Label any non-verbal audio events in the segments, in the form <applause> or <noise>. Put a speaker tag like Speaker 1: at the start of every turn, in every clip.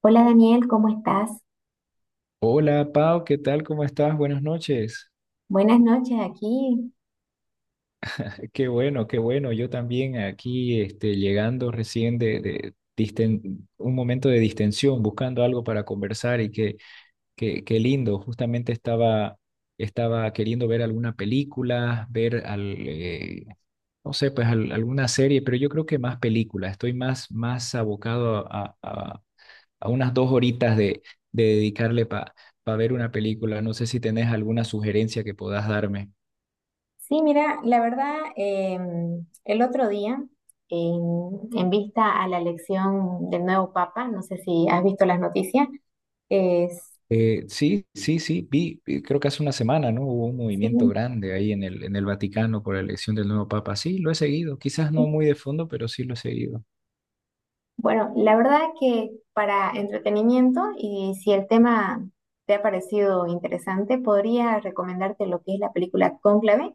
Speaker 1: Hola Daniel, ¿cómo estás?
Speaker 2: Hola Pau, ¿qué tal? ¿Cómo estás? Buenas noches.
Speaker 1: Buenas noches aquí.
Speaker 2: <laughs> Qué bueno, qué bueno. Yo también aquí llegando recién de un momento de distensión, buscando algo para conversar y qué lindo. Justamente estaba queriendo ver alguna película, no sé, pues alguna serie, pero yo creo que más película. Estoy más abocado a unas dos horitas de dedicarle para pa ver una película. No sé si tenés alguna sugerencia que puedas darme.
Speaker 1: Sí, mira, la verdad, el otro día, em, en vista a la elección del nuevo Papa, no sé si has visto las noticias, es,
Speaker 2: Sí, sí, sí, vi, creo que hace una semana, ¿no? Hubo un movimiento
Speaker 1: sí,
Speaker 2: grande ahí en el Vaticano por la elección del nuevo Papa. Sí, lo he seguido, quizás
Speaker 1: sí.
Speaker 2: no muy de fondo, pero sí lo he seguido.
Speaker 1: Bueno, la verdad que para entretenimiento y si el tema te ha parecido interesante, podría recomendarte lo que es la película Cónclave.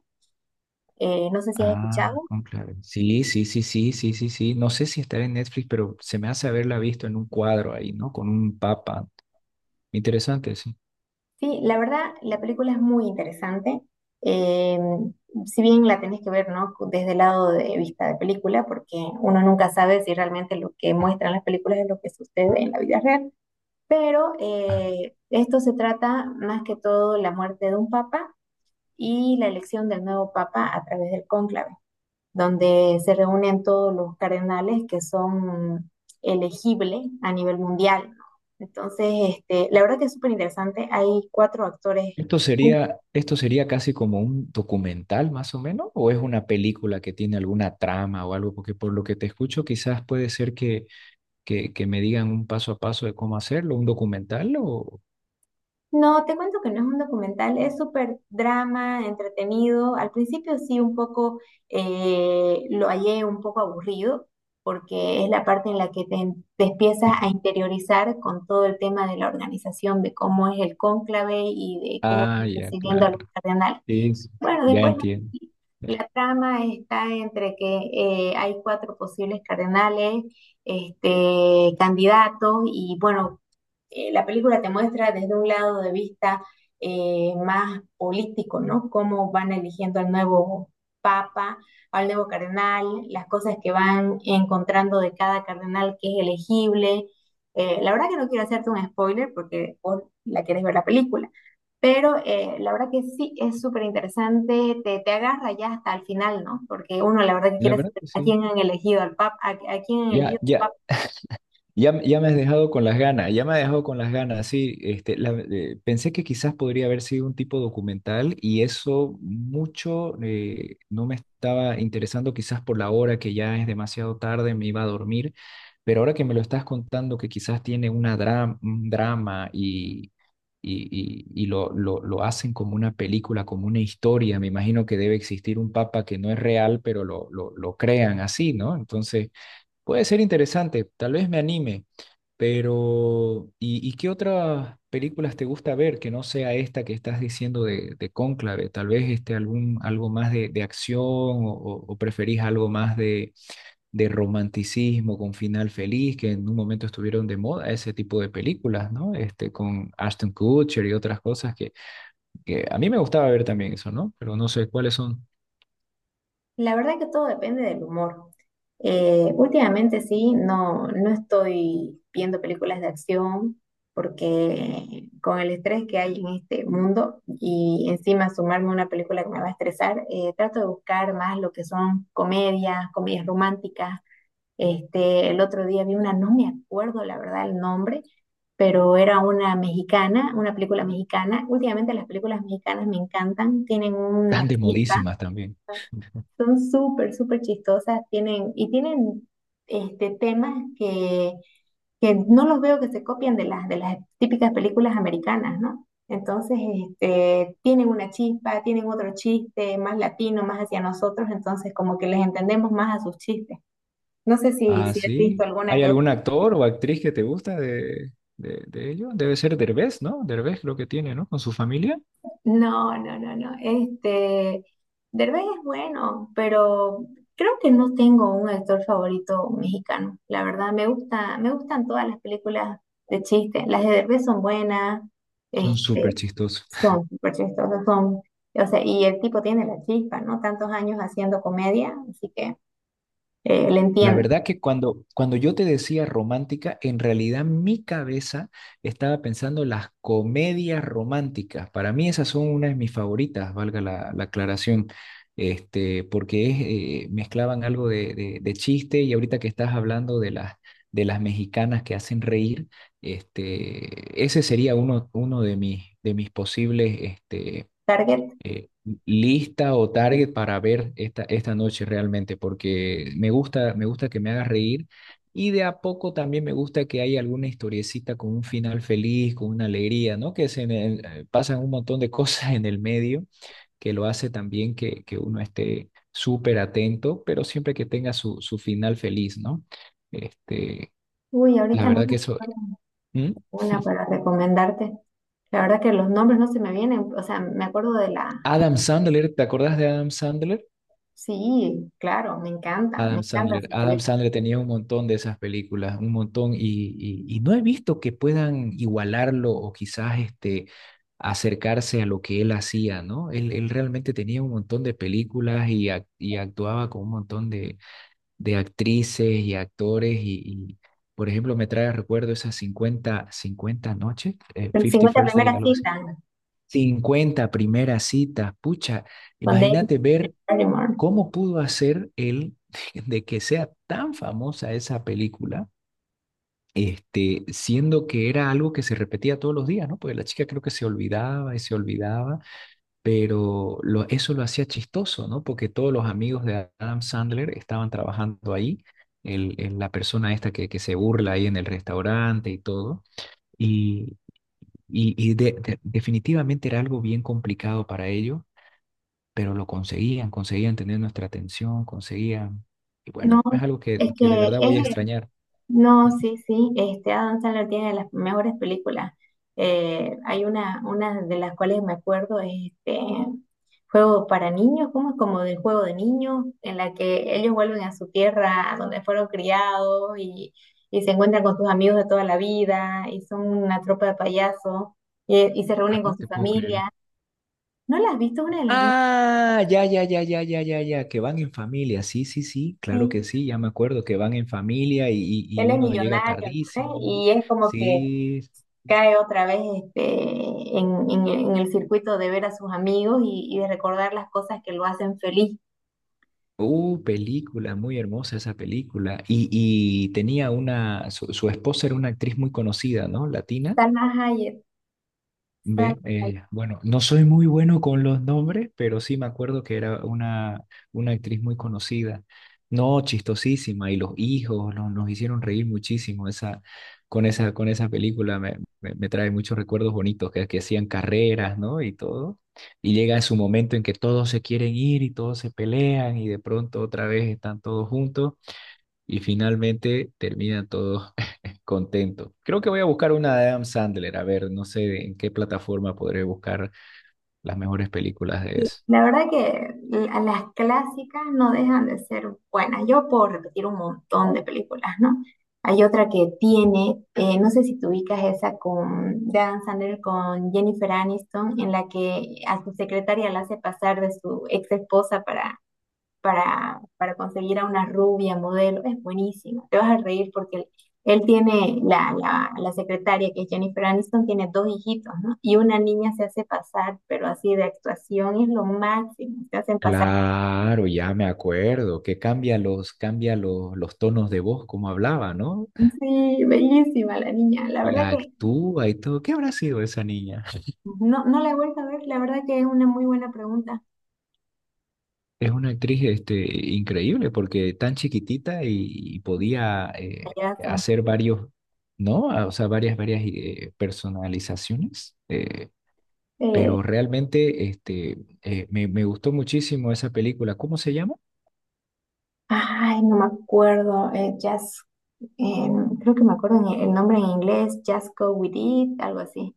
Speaker 1: No sé si has
Speaker 2: Ah,
Speaker 1: escuchado.
Speaker 2: conclave. Sí, sí, sí, sí, sí, sí, sí. No sé si estará en Netflix, pero se me hace haberla visto en un cuadro ahí, ¿no? Con un papa. Interesante, sí.
Speaker 1: Sí, la verdad, la película es muy interesante. Eh, si bien la tenés que ver, ¿no? Desde el lado de vista de película, porque uno nunca sabe si realmente lo que muestran las películas es lo que sucede en la vida real. Pero esto se trata más que todo la muerte de un papa y la elección del nuevo papa a través del cónclave donde se reúnen todos los cardenales que son elegibles a nivel mundial. Entonces, este, la verdad que es súper interesante. Hay cuatro actores.
Speaker 2: ¿Esto sería casi como un documental más o menos? ¿O es una película que tiene alguna trama o algo? Porque por lo que te escucho quizás puede ser que me digan un paso a paso de cómo hacerlo, un documental o.
Speaker 1: No, te cuento que no es un documental, es súper drama, entretenido. Al principio sí, un poco lo hallé un poco aburrido, porque es la parte en la que te empiezas a
Speaker 2: <laughs>
Speaker 1: interiorizar con todo el tema de la organización, de cómo es el cónclave y de cómo
Speaker 2: Ah,
Speaker 1: van
Speaker 2: ya,
Speaker 1: recibiendo a los
Speaker 2: claro.
Speaker 1: cardenales.
Speaker 2: Sí, sí, sí,
Speaker 1: Bueno,
Speaker 2: ya
Speaker 1: después no,
Speaker 2: entiendo.
Speaker 1: sí, la trama está entre que hay cuatro posibles cardenales, este, candidatos, y bueno, la película te muestra desde un lado de vista más político, ¿no? Cómo van eligiendo al nuevo papa, al nuevo cardenal, las cosas que van encontrando de cada cardenal que es elegible. La verdad que no quiero hacerte un spoiler porque vos la quieres ver la película. Pero la verdad que sí es súper interesante, te agarra ya hasta el final, ¿no? Porque uno la verdad que
Speaker 2: La
Speaker 1: quiere
Speaker 2: verdad
Speaker 1: saber
Speaker 2: que
Speaker 1: a
Speaker 2: sí.
Speaker 1: quién han elegido al papa, a quién han elegido
Speaker 2: Ya,
Speaker 1: al
Speaker 2: ya,
Speaker 1: papa.
Speaker 2: ya, ya me has dejado con las ganas, ya me ha dejado con las ganas, sí. Pensé que quizás podría haber sido un tipo documental y eso mucho no me estaba interesando quizás por la hora que ya es demasiado tarde, me iba a dormir, pero ahora que me lo estás contando que quizás tiene una un drama y lo hacen como una película, como una historia, me imagino que debe existir un papa que no es real, pero lo crean así, ¿no? Entonces. Puede ser interesante, tal vez me anime. Pero, ¿y qué otras películas te gusta ver que no sea esta que estás diciendo de Cónclave? Tal vez algo más de acción o preferís algo más de romanticismo con final feliz, que en un momento estuvieron de moda ese tipo de películas, ¿no? Con Ashton Kutcher y otras cosas que a mí me gustaba ver también eso, ¿no? Pero no sé cuáles son
Speaker 1: La verdad que todo depende del humor. Últimamente sí, no, no estoy viendo películas de acción porque con el estrés que hay en este mundo y encima sumarme a una película que me va a estresar, trato de buscar más lo que son comedias, comedias románticas. Este, el otro día vi una, no me acuerdo la verdad el nombre, pero era una mexicana, una película mexicana. Últimamente las películas mexicanas me encantan, tienen
Speaker 2: tan
Speaker 1: una
Speaker 2: de
Speaker 1: chispa,
Speaker 2: modísimas también.
Speaker 1: son súper, súper chistosas, y tienen este, temas que no los veo que se copian de de las típicas películas americanas, ¿no? Entonces, este, tienen una chispa, tienen otro chiste más latino, más hacia nosotros, entonces como que les entendemos más a sus chistes. No sé si,
Speaker 2: Ah,
Speaker 1: si has visto
Speaker 2: sí.
Speaker 1: alguna
Speaker 2: ¿Hay
Speaker 1: que
Speaker 2: algún actor o actriz que te gusta de ello? Debe ser Derbez, ¿no? Derbez creo que tiene, ¿no? Con su familia.
Speaker 1: no, no, no, no. Este, Derbez es bueno, pero creo que no tengo un actor favorito mexicano. La verdad, me gusta, me gustan todas las películas de chiste. Las de Derbez son buenas,
Speaker 2: Son
Speaker 1: este,
Speaker 2: súper chistosos.
Speaker 1: son súper chistosas, o sea, y el tipo tiene la chispa, ¿no? Tantos años haciendo comedia, así que le
Speaker 2: La
Speaker 1: entiendo.
Speaker 2: verdad que cuando yo te decía romántica, en realidad mi cabeza estaba pensando las comedias románticas. Para mí esas son una de mis favoritas, valga la aclaración, porque es, mezclaban algo de chiste y ahorita que estás hablando de las mexicanas que hacen reír, ese sería uno de mis posibles,
Speaker 1: Target,
Speaker 2: eh, lista o target para ver esta noche realmente, porque me gusta que me haga reír y de a poco también me gusta que haya alguna historiecita con un final feliz, con una alegría, ¿no? Que se en pasan un montón de <laughs> cosas en el medio que lo hace también que uno esté súper atento, pero siempre que tenga su final feliz, ¿no? Este,
Speaker 1: uy,
Speaker 2: la
Speaker 1: ahorita no
Speaker 2: verdad
Speaker 1: me
Speaker 2: que eso.
Speaker 1: acuerdo
Speaker 2: ¿Mm?
Speaker 1: una para recomendarte. La verdad que los nombres no se me vienen, o sea, me acuerdo de la.
Speaker 2: Adam Sandler, ¿te acordás de Adam Sandler?
Speaker 1: Sí, claro, me
Speaker 2: Adam
Speaker 1: encanta
Speaker 2: Sandler.
Speaker 1: esa
Speaker 2: Adam
Speaker 1: película.
Speaker 2: Sandler tenía un montón de esas películas, un montón, y no he visto que puedan igualarlo o quizás acercarse a lo que él hacía, ¿no? Él realmente tenía un montón de películas y actuaba con un montón de actrices y actores y, por ejemplo, me trae a recuerdo esas 50 50 noches, 50
Speaker 1: 50
Speaker 2: First Day,
Speaker 1: primeras
Speaker 2: algo así.
Speaker 1: citas
Speaker 2: Cincuenta primeras citas, pucha,
Speaker 1: con David
Speaker 2: imagínate ver.
Speaker 1: Barrymore.
Speaker 2: ¿Cómo pudo hacer él de que sea tan famosa esa película, siendo que era algo que se repetía todos los días, ¿no? Porque la chica creo que se olvidaba y se olvidaba, pero eso lo hacía chistoso, ¿no? Porque todos los amigos de Adam Sandler estaban trabajando ahí, la persona esta que se burla ahí en el restaurante y todo, y, y definitivamente era algo bien complicado para ellos, pero lo conseguían, conseguían tener nuestra atención, conseguían. Y bueno,
Speaker 1: No,
Speaker 2: es algo que,
Speaker 1: es
Speaker 2: que de
Speaker 1: que
Speaker 2: verdad
Speaker 1: es,
Speaker 2: voy a extrañar.
Speaker 1: no, sí, sí, este Adam Sandler tiene las mejores películas. Hay una de las cuales me acuerdo es este juego para niños, ¿cómo es? Como del juego de niños, en la que ellos vuelven a su tierra donde fueron criados y se encuentran con sus amigos de toda la vida y son una tropa de payasos y se
Speaker 2: Ah,
Speaker 1: reúnen
Speaker 2: no
Speaker 1: con su
Speaker 2: te puedo creer.
Speaker 1: familia. ¿No la has visto una de las más?
Speaker 2: Ah, ya, ya, ya, ya, ya, ya, ya, que van en familia, sí, sí, sí, claro que
Speaker 1: Sí,
Speaker 2: sí, ya me acuerdo que van en familia y
Speaker 1: él es
Speaker 2: uno llega
Speaker 1: millonario, ¿no? ¿Eh?
Speaker 2: tardísimo,
Speaker 1: Y es como que
Speaker 2: sí,
Speaker 1: cae otra vez este, en el circuito de ver a sus amigos y de recordar las cosas que lo hacen feliz.
Speaker 2: película, muy hermosa esa película, y tenía su esposa era una actriz muy conocida, ¿no? Latina.
Speaker 1: Salma Hayek, Salma.
Speaker 2: Ve, bueno, no soy muy bueno con los nombres, pero sí me acuerdo que era una actriz muy conocida, no chistosísima, y los hijos nos hicieron reír muchísimo esa, con esa película, me trae muchos recuerdos bonitos, que hacían carreras, ¿no? Y todo, y llega su momento en que todos se quieren ir y todos se pelean y de pronto otra vez están todos juntos y finalmente terminan todos <laughs> contentos. Creo que voy a buscar una de Adam Sandler. A ver, no sé en qué plataforma podré buscar las mejores películas de eso.
Speaker 1: La verdad que las clásicas no dejan de ser buenas. Yo puedo repetir un montón de películas, ¿no? Hay otra que tiene, no sé si tú ubicas esa con Dan Sandler, con Jennifer Aniston, en la que a su secretaria la hace pasar de su ex esposa para para conseguir a una rubia modelo, es buenísima. Te vas a reír porque él tiene, la secretaria que es Jennifer Aniston, tiene dos hijitos, ¿no? Y una niña se hace pasar, pero así de actuación es lo máximo, se hacen pasar.
Speaker 2: Claro, ya me acuerdo, que cambia los tonos de voz como hablaba, ¿no?
Speaker 1: Sí, bellísima la niña. La
Speaker 2: Y
Speaker 1: verdad que
Speaker 2: actúa y todo. ¿Qué habrá sido esa niña?
Speaker 1: no, no la he vuelto a ver, la verdad que es una muy buena pregunta,
Speaker 2: Es una actriz increíble porque tan chiquitita y podía
Speaker 1: payasa.
Speaker 2: hacer varios, ¿no? Ah, o sea, varias, varias personalizaciones.
Speaker 1: Eh,
Speaker 2: Pero realmente me gustó muchísimo esa película. ¿Cómo se llama?
Speaker 1: Ay, no me acuerdo, Jazz, eh, creo que me acuerdo el nombre en inglés, Just Go With It, algo así.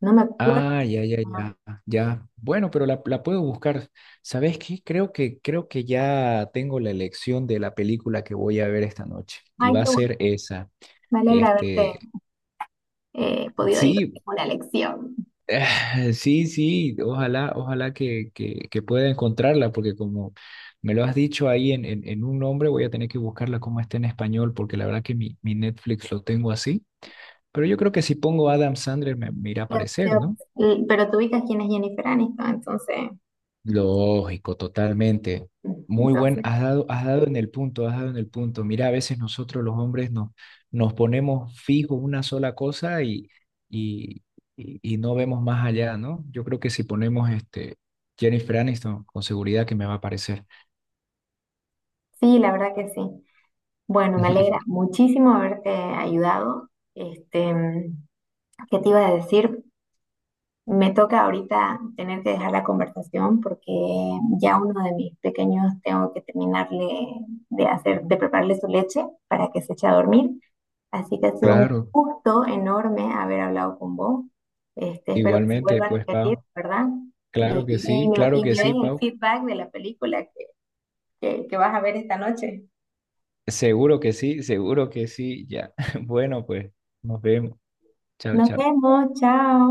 Speaker 1: No me acuerdo.
Speaker 2: Ah, ya, ya, ya, ya. Bueno, pero la puedo buscar. ¿Sabes qué? Creo que ya tengo la elección de la película que voy a ver esta noche. Y
Speaker 1: Ay,
Speaker 2: va a
Speaker 1: qué bueno.
Speaker 2: ser esa.
Speaker 1: Me alegra haberte
Speaker 2: Este,
Speaker 1: podido
Speaker 2: sí,
Speaker 1: ayudarte con la lección.
Speaker 2: <sighs> sí, sí. Ojalá que pueda encontrarla, porque como me lo has dicho ahí en un nombre, voy a tener que buscarla como está en español, porque la verdad que mi Netflix lo tengo así. Pero yo creo que si pongo Adam Sandler me irá a
Speaker 1: Te-
Speaker 2: aparecer, ¿no?
Speaker 1: te- Pero tú ubicas quién es Jennifer Aniston, entonces,
Speaker 2: Lógico, totalmente. Muy buen,
Speaker 1: entonces,
Speaker 2: has dado en el punto, has dado en el punto. Mira, a veces nosotros los hombres nos ponemos fijos una sola cosa y, y no vemos más allá, ¿no? Yo creo que si ponemos Jennifer Aniston, con seguridad que me va a aparecer.
Speaker 1: sí, la verdad que sí. Bueno, me alegra
Speaker 2: <laughs>
Speaker 1: muchísimo haberte ayudado. Este, ¿qué te iba a decir? Me toca ahorita tener que dejar la conversación porque ya uno de mis pequeños tengo que terminarle de hacer, de prepararle su leche para que se eche a dormir. Así que ha sido un
Speaker 2: Claro,
Speaker 1: gusto enorme haber hablado con vos. Este, espero que se
Speaker 2: igualmente,
Speaker 1: vuelva a
Speaker 2: pues,
Speaker 1: repetir,
Speaker 2: Pau.
Speaker 1: ¿verdad? Y, y- y me,
Speaker 2: Claro
Speaker 1: y
Speaker 2: que
Speaker 1: me
Speaker 2: sí,
Speaker 1: den el
Speaker 2: Pau.
Speaker 1: feedback de la película que, que vas a ver esta noche.
Speaker 2: Seguro que sí, ya. <laughs> Bueno, pues, nos vemos. Chao,
Speaker 1: Nos
Speaker 2: chao.
Speaker 1: vemos, chao.